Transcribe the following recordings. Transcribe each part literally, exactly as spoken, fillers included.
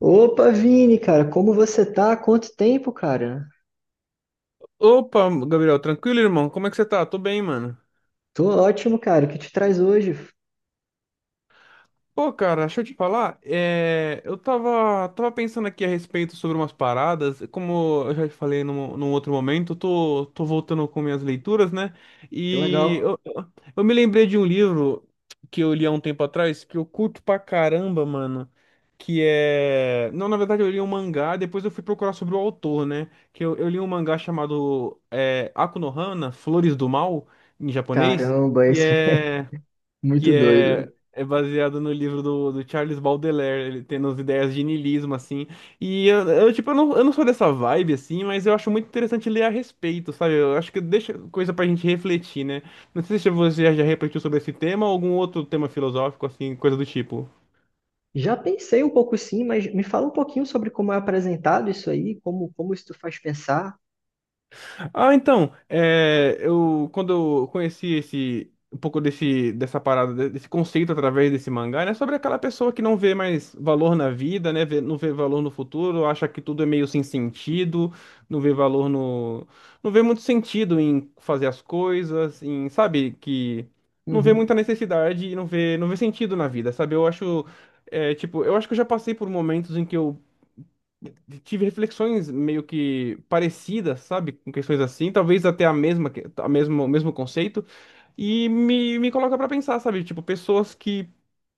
Opa, Vini, cara, como você tá? Quanto tempo, cara? Opa, Gabriel, tranquilo, irmão? Como é que você tá? Tô bem, mano. Tô ótimo, cara. O que te traz hoje? Pô, cara, deixa eu te falar. É, eu tava, tava pensando aqui a respeito sobre umas paradas. Como eu já te falei num, num outro momento, eu tô, tô voltando com minhas leituras, né? Que E legal. eu, eu eu me lembrei de um livro que eu li há um tempo atrás que eu curto pra caramba, mano. Que é. Não, na verdade, eu li um mangá, depois eu fui procurar sobre o autor, né? Que eu, eu li um mangá chamado é, Aku no Hana, Flores do Mal, em japonês. Caramba, E esse é é muito que é, doido. é baseado no livro do, do Charles Baudelaire, ele tendo as ideias de niilismo, assim. E eu, eu, tipo, eu não, eu não sou dessa vibe, assim, mas eu acho muito interessante ler a respeito, sabe? Eu acho que deixa coisa pra gente refletir, né? Não sei se você já refletiu sobre esse tema ou algum outro tema filosófico, assim, coisa do tipo. Já pensei um pouco sim, mas me fala um pouquinho sobre como é apresentado isso aí, como, como isso te faz pensar. Ah, então, é, eu quando eu conheci esse um pouco desse dessa parada de- desse conceito através desse mangá, né, sobre aquela pessoa que não vê mais valor na vida, né, vê- não vê valor no futuro, acha que tudo é meio sem sentido, não vê valor no, não vê muito sentido em fazer as coisas, em, sabe, que não vê Uhum. muita necessidade e não vê não vê sentido na vida, sabe? Eu acho é, tipo, eu acho que eu já passei por momentos em que eu tive reflexões meio que parecidas, sabe? Com questões assim, talvez até a mesma, que- a mesmo, o mesmo conceito, e me, me coloca pra pensar, sabe? Tipo, pessoas que,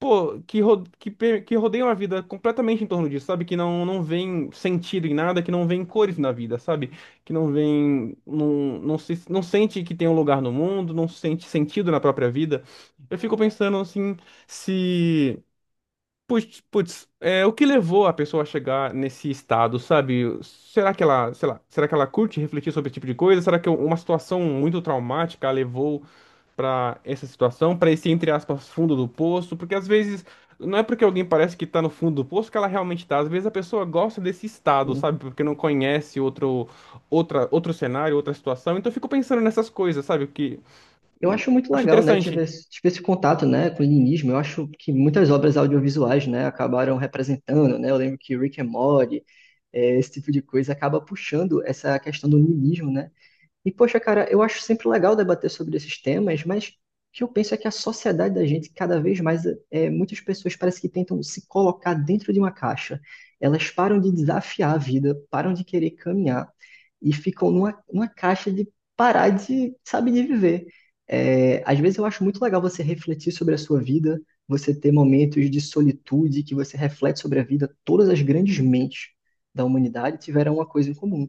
pô, que, ro- que, pe- que rodeiam a vida completamente em torno disso, sabe? Que não, não veem sentido em nada, que não veem cores na vida, sabe? Que não veem, não, não se, não sente que tem um lugar no mundo, não sente sentido na própria vida. Eu fico pensando assim, se. Putz, putz, é, o que levou a pessoa a chegar nesse estado, sabe? Será que ela, sei lá, será que ela curte refletir sobre esse tipo de coisa? Será que uma situação muito traumática a levou pra essa situação, pra esse, entre aspas, fundo do poço? Porque às vezes não é porque alguém parece que tá no fundo do poço que ela realmente tá. Às vezes a pessoa gosta desse estado, sabe? Porque não conhece outro, outra, outro cenário, outra situação. Então eu fico pensando nessas coisas, sabe? Que Eu hum, acho muito Acho legal, né? Tive, interessante. Esse- tive esse contato, né, com o linismo. Eu acho que muitas obras audiovisuais, né, acabaram representando, né? Eu lembro que Rick and Morty, eh, esse tipo de coisa acaba puxando essa questão do niilismo, né? E, poxa, cara, eu acho sempre legal debater sobre esses temas, mas o que eu penso é que a sociedade da gente, cada vez mais, é, muitas pessoas parece que tentam se colocar dentro de uma caixa. Elas param de desafiar a vida, param de querer caminhar e ficam numa, numa caixa de parar de, sabe, de viver. É, às vezes eu acho muito legal você refletir sobre a sua vida, você ter momentos de solitude que você reflete sobre a vida. Todas as grandes mentes da humanidade tiveram uma coisa em comum,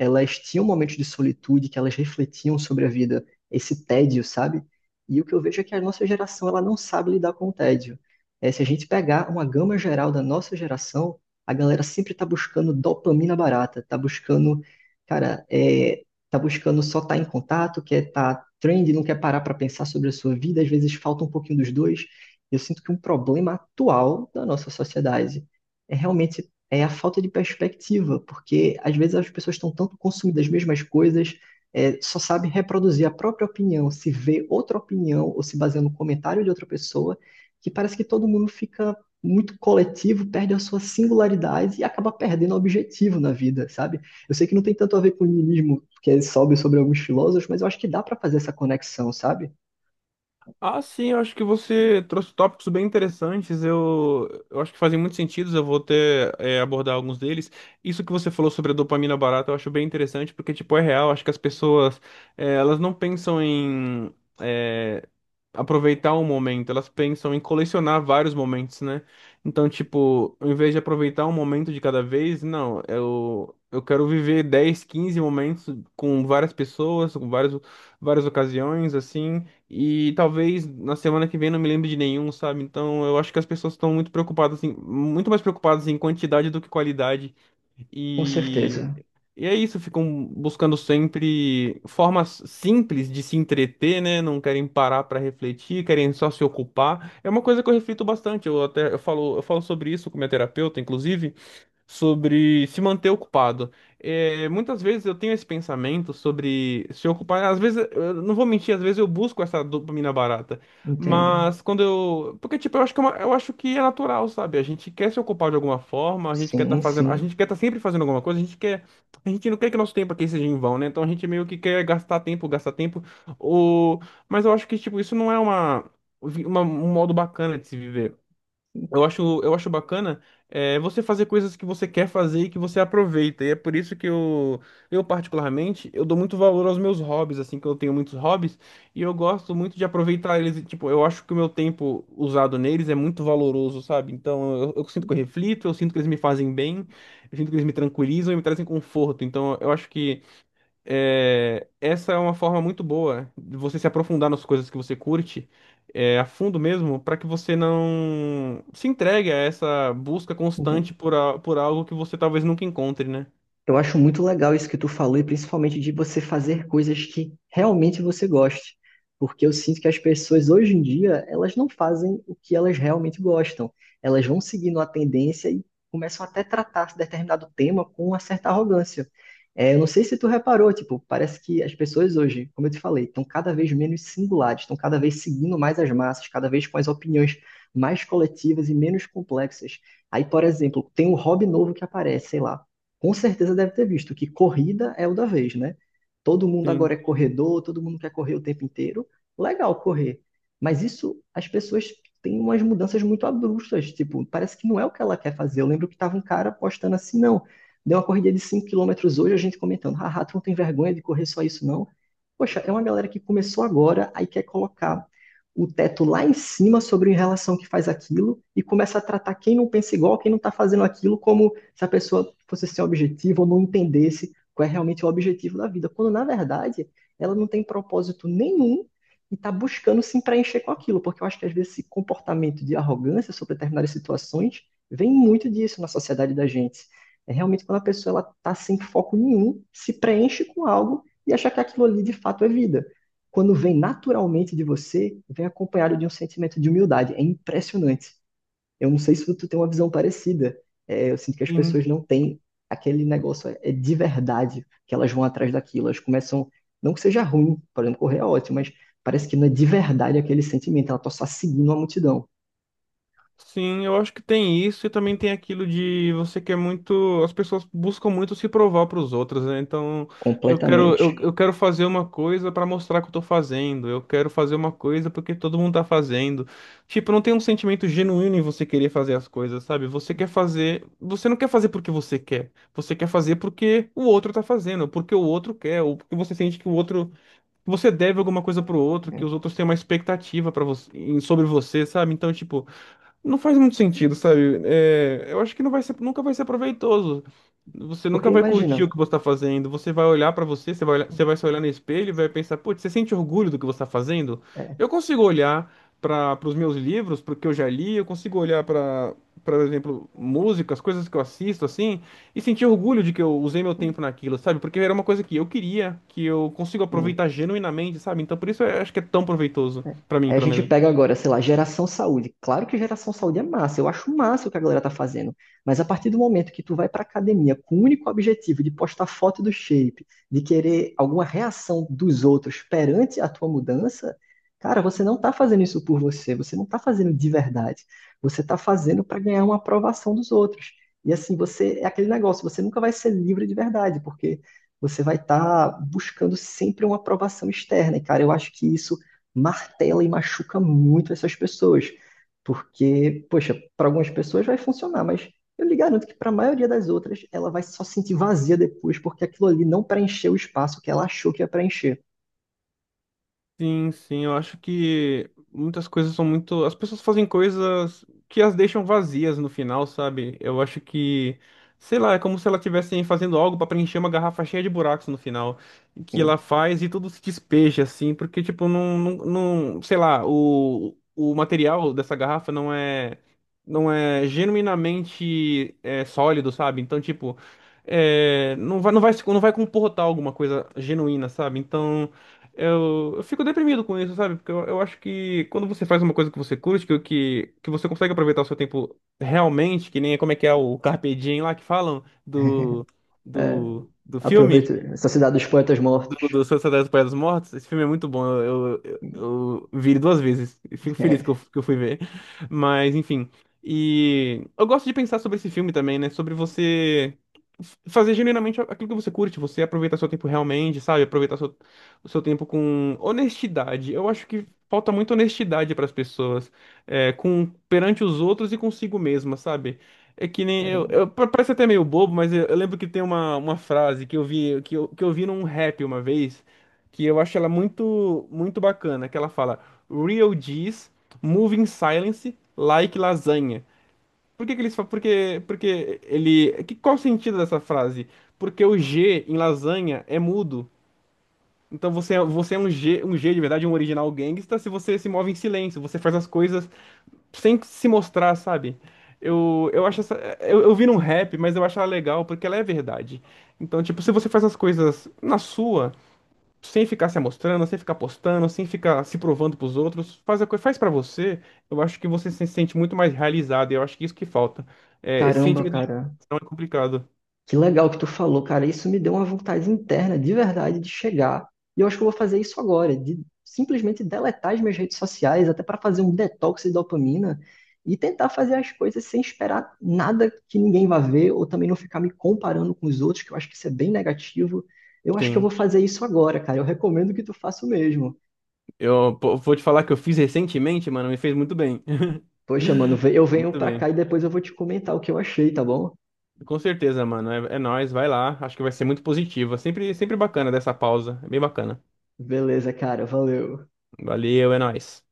elas tinham momentos de solitude que elas refletiam sobre a vida, esse tédio, sabe? E o que eu vejo é que a nossa geração ela não sabe lidar com o tédio. É, se a gente pegar uma gama geral da nossa geração, a galera sempre tá buscando dopamina barata, tá buscando, cara, é, tá buscando só estar em contato, quer tá trend, não quer parar para pensar sobre a sua vida, às vezes falta um pouquinho dos dois. Eu sinto que um problema atual da nossa sociedade é realmente é a falta de perspectiva, porque às vezes as pessoas estão tanto consumidas das mesmas coisas, é, só sabe reproduzir a própria opinião, se vê outra opinião ou se baseia no comentário de outra pessoa, que parece que todo mundo fica muito coletivo, perde a sua singularidade e acaba perdendo o objetivo na vida, sabe? Eu sei que não tem tanto a ver com o niilismo que sobe sobre alguns filósofos, mas eu acho que dá para fazer essa conexão, sabe? Ah, sim, eu acho que você trouxe tópicos bem interessantes. Eu, eu acho que fazem muito sentido. Eu vou até é, abordar alguns deles. Isso que você falou sobre a dopamina barata, eu acho bem interessante, porque, tipo, é real. Acho que as pessoas, é, elas não pensam em é, aproveitar um momento, elas pensam em colecionar vários momentos, né? Então, tipo, ao invés de aproveitar um momento de cada vez, não, eu, eu quero viver dez, quinze momentos com várias pessoas, com vários várias ocasiões, assim, e talvez na semana que vem não me lembre de nenhum, sabe? Então eu acho que as pessoas estão muito preocupadas, em, muito mais preocupadas em quantidade do que qualidade. Com certeza, E, e é isso, ficam buscando sempre formas simples de se entreter, né? Não querem parar para refletir, querem só se ocupar. É uma coisa que eu reflito bastante. Eu até eu falo, eu falo sobre isso com minha terapeuta, inclusive sobre se manter ocupado. É, muitas vezes eu tenho esse pensamento sobre se ocupar. Às vezes, eu não vou mentir, às vezes eu busco essa dopamina barata. entendo. Mas quando eu. Porque, tipo, eu acho que é, uma- eu acho que é natural, sabe? A gente quer se ocupar de alguma forma, a gente quer estar Sim, fazendo. A sim, gente quer estar sempre fazendo alguma coisa, a gente quer. A gente não quer que nosso tempo aqui seja em vão, né? Então a gente meio que quer gastar tempo, gastar tempo. Ou... Mas eu acho que, tipo, isso não é uma, uma- um modo bacana de se viver. Eu acho, eu acho bacana é, você fazer coisas que você quer fazer e que você aproveita. E é por isso que eu, eu particularmente, eu dou muito valor aos meus hobbies, assim, que eu tenho muitos hobbies, e eu gosto muito de aproveitar eles. e, Tipo, eu acho que o meu tempo usado neles é muito valoroso, sabe? Então, eu, eu sinto que eu reflito, eu sinto que eles me fazem bem, eu sinto que eles me tranquilizam e me trazem conforto. Então, eu acho que é, essa é uma forma muito boa de você se aprofundar nas coisas que você curte, é, a fundo mesmo, para que você não se entregue a essa busca entendo. constante por, a- por algo que você talvez nunca encontre, né? Eu acho muito legal isso que tu falou, e principalmente de você fazer coisas que realmente você goste. Porque eu sinto que as pessoas hoje em dia, elas não fazem o que elas realmente gostam. Elas vão seguindo a tendência e começam até a tratar determinado tema com uma certa arrogância. É, eu não sei se tu reparou, tipo, parece que as pessoas hoje, como eu te falei, estão cada vez menos singulares, estão cada vez seguindo mais as massas, cada vez com as opiniões mais coletivas e menos complexas. Aí, por exemplo, tem um hobby novo que aparece, sei lá, com certeza deve ter visto que corrida é o da vez, né? Todo mundo agora é Sim, corredor, todo mundo quer correr o tempo inteiro. Legal correr. Mas isso, as pessoas têm umas mudanças muito abruptas. Tipo, parece que não é o que ela quer fazer. Eu lembro que tava um cara postando assim, não. Deu uma corrida de cinco quilômetros hoje, a gente comentando, haha, tu não tem vergonha de correr só isso, não? Poxa, é uma galera que começou agora, aí quer colocar o teto lá em cima sobre em relação que faz aquilo e começa a tratar quem não pensa igual, quem não está fazendo aquilo como se a pessoa fosse ser objetiva ou não entendesse qual é realmente o objetivo da vida, quando na verdade ela não tem propósito nenhum e está buscando se preencher com aquilo, porque eu acho que às vezes esse comportamento de arrogância sobre determinadas situações vem muito disso na sociedade da gente. É realmente quando a pessoa está sem foco nenhum, se preenche com algo e acha que aquilo ali de fato é vida. Quando vem naturalmente de você, vem acompanhado de um sentimento de humildade. É impressionante. Eu não sei se tu tem uma visão parecida. É, eu sinto que as sim. pessoas não têm aquele negócio é, de verdade que elas vão atrás daquilo. Elas começam, não que seja ruim, por exemplo, correr é ótimo, mas parece que não é de verdade aquele sentimento. Ela está só seguindo a multidão Sim, eu acho que tem isso e também tem aquilo de você quer muito. As pessoas buscam muito se provar para os outros, né? Então, eu quero, completamente. eu, eu quero fazer uma coisa para mostrar que eu tô fazendo, eu quero fazer uma coisa porque todo mundo tá fazendo. Tipo, não tem um sentimento genuíno em você querer fazer as coisas, sabe? Você quer fazer. Você não quer fazer porque você quer. Você quer fazer porque o outro tá fazendo, porque o outro quer, ou porque você sente que o outro. Você deve alguma coisa pro outro, que Né? os outros têm uma expectativa para você, em- sobre você, sabe? Então, tipo. Não faz muito sentido, sabe? É, eu acho que não vai ser, nunca vai ser proveitoso. Você nunca Porque vai imagina, curtir o que você está fazendo. Você vai olhar para você, você vai, olhar- você vai se olhar no espelho e vai pensar, putz, você sente orgulho do que você está fazendo? é, Eu consigo olhar para os meus livros, para o que eu já li, eu consigo olhar para, por exemplo, músicas, coisas que eu assisto, assim, e sentir orgulho de que eu usei meu um, tempo naquilo, sabe? Porque era uma coisa que eu queria, que eu consigo um aproveitar genuinamente, sabe? Então por isso eu acho que é tão proveitoso, né? para mim, Aí a pelo gente menos. pega agora, sei lá, geração saúde. Claro que geração saúde é massa, eu acho massa o que a galera tá fazendo. Mas a partir do momento que tu vai pra academia com o único objetivo de postar foto do shape, de querer alguma reação dos outros perante a tua mudança, cara, você não tá fazendo isso por você, você não tá fazendo de verdade. Você tá fazendo pra ganhar uma aprovação dos outros. E assim, você é aquele negócio, você nunca vai ser livre de verdade, porque você vai estar buscando sempre uma aprovação externa. E cara, eu acho que isso martela e machuca muito essas pessoas. Porque, poxa, para algumas pessoas vai funcionar, mas eu lhe garanto que para a maioria das outras ela vai só se sentir vazia depois, porque aquilo ali não preencheu o espaço que ela achou que ia preencher. Sim, sim, eu acho que muitas coisas são muito. As pessoas fazem coisas que as deixam vazias no final, sabe? Eu acho que, sei lá, é como se elas estivessem fazendo algo pra preencher uma garrafa cheia de buracos no final, que Assim, ela faz e tudo se despeja, assim, porque, tipo, não, não, não- sei lá, o, o material dessa garrafa não é, não é genuinamente é, sólido, sabe? Então, tipo, é, não vai, não vai, se- não vai comportar alguma coisa genuína, sabe? Então. Eu, eu fico deprimido com isso, sabe? Porque eu, eu acho que quando você faz uma coisa que você curte, que, que, que você consegue aproveitar o seu tempo realmente, que nem como é que é o Carpe Diem lá que falam do, é, do, do filme aproveita. Sociedade dos Poetas Mortos. do, do Sociedade dos Poetas Mortos. Esse filme é muito bom. Eu, eu, eu vi ele duas vezes. e Fico feliz que eu, É, que eu fui ver. Mas, enfim. E eu gosto de pensar sobre esse filme também, né? Sobre você f- fazer genuinamente aquilo que você curte, você aproveitar seu tempo realmente, sabe? Aproveitar seu, o seu tempo com honestidade. Eu acho que falta muita honestidade para as pessoas, é, com perante os outros e consigo mesma, sabe? É que nem eu, caramba, eu- pa- parece até meio bobo, mas eu, eu lembro que tem uma, uma frase que eu vi que eu, que eu vi num rap uma vez, que eu acho ela muito muito bacana, que ela fala Real G's move in silence like lasanha. Por que que eles falam? Porque porque ele que qual o sentido dessa frase? Porque o G em lasanha é mudo. Então você é, você é um G, um G de verdade, um original gangsta, se você se move em silêncio, você faz as coisas sem se mostrar, sabe? Eu, eu acho essa, eu, eu vi num rap, mas eu acho ela legal porque ela é verdade. Então, tipo, se você faz as coisas na sua, sem ficar se amostrando, sem ficar postando, sem ficar se provando pros outros, faz a coisa, faz para você, eu acho que você se sente muito mais realizado, e eu acho que isso que falta. É, esse caramba, sentimento de cara. realização é complicado. Que legal que tu falou, cara. Isso me deu uma vontade interna, de verdade, de chegar. E eu acho que eu vou fazer isso agora, de simplesmente deletar as minhas redes sociais, até para fazer um detox de dopamina e tentar fazer as coisas sem esperar nada que ninguém vá ver ou também não ficar me comparando com os outros, que eu acho que isso é bem negativo. Eu acho que eu vou Sim. fazer isso agora, cara. Eu recomendo que tu faça o mesmo. Eu Pô, vou te falar que eu fiz recentemente, mano, me fez muito bem. Poxa, mano, ve- eu venho Muito pra bem. cá e depois eu vou te comentar o que eu achei, tá bom? Com certeza, mano. É, é nóis, vai lá. Acho que vai ser muito positivo. É Sempre, sempre bacana dessa pausa. É bem bacana. Beleza, cara. Valeu. Valeu, é nóis.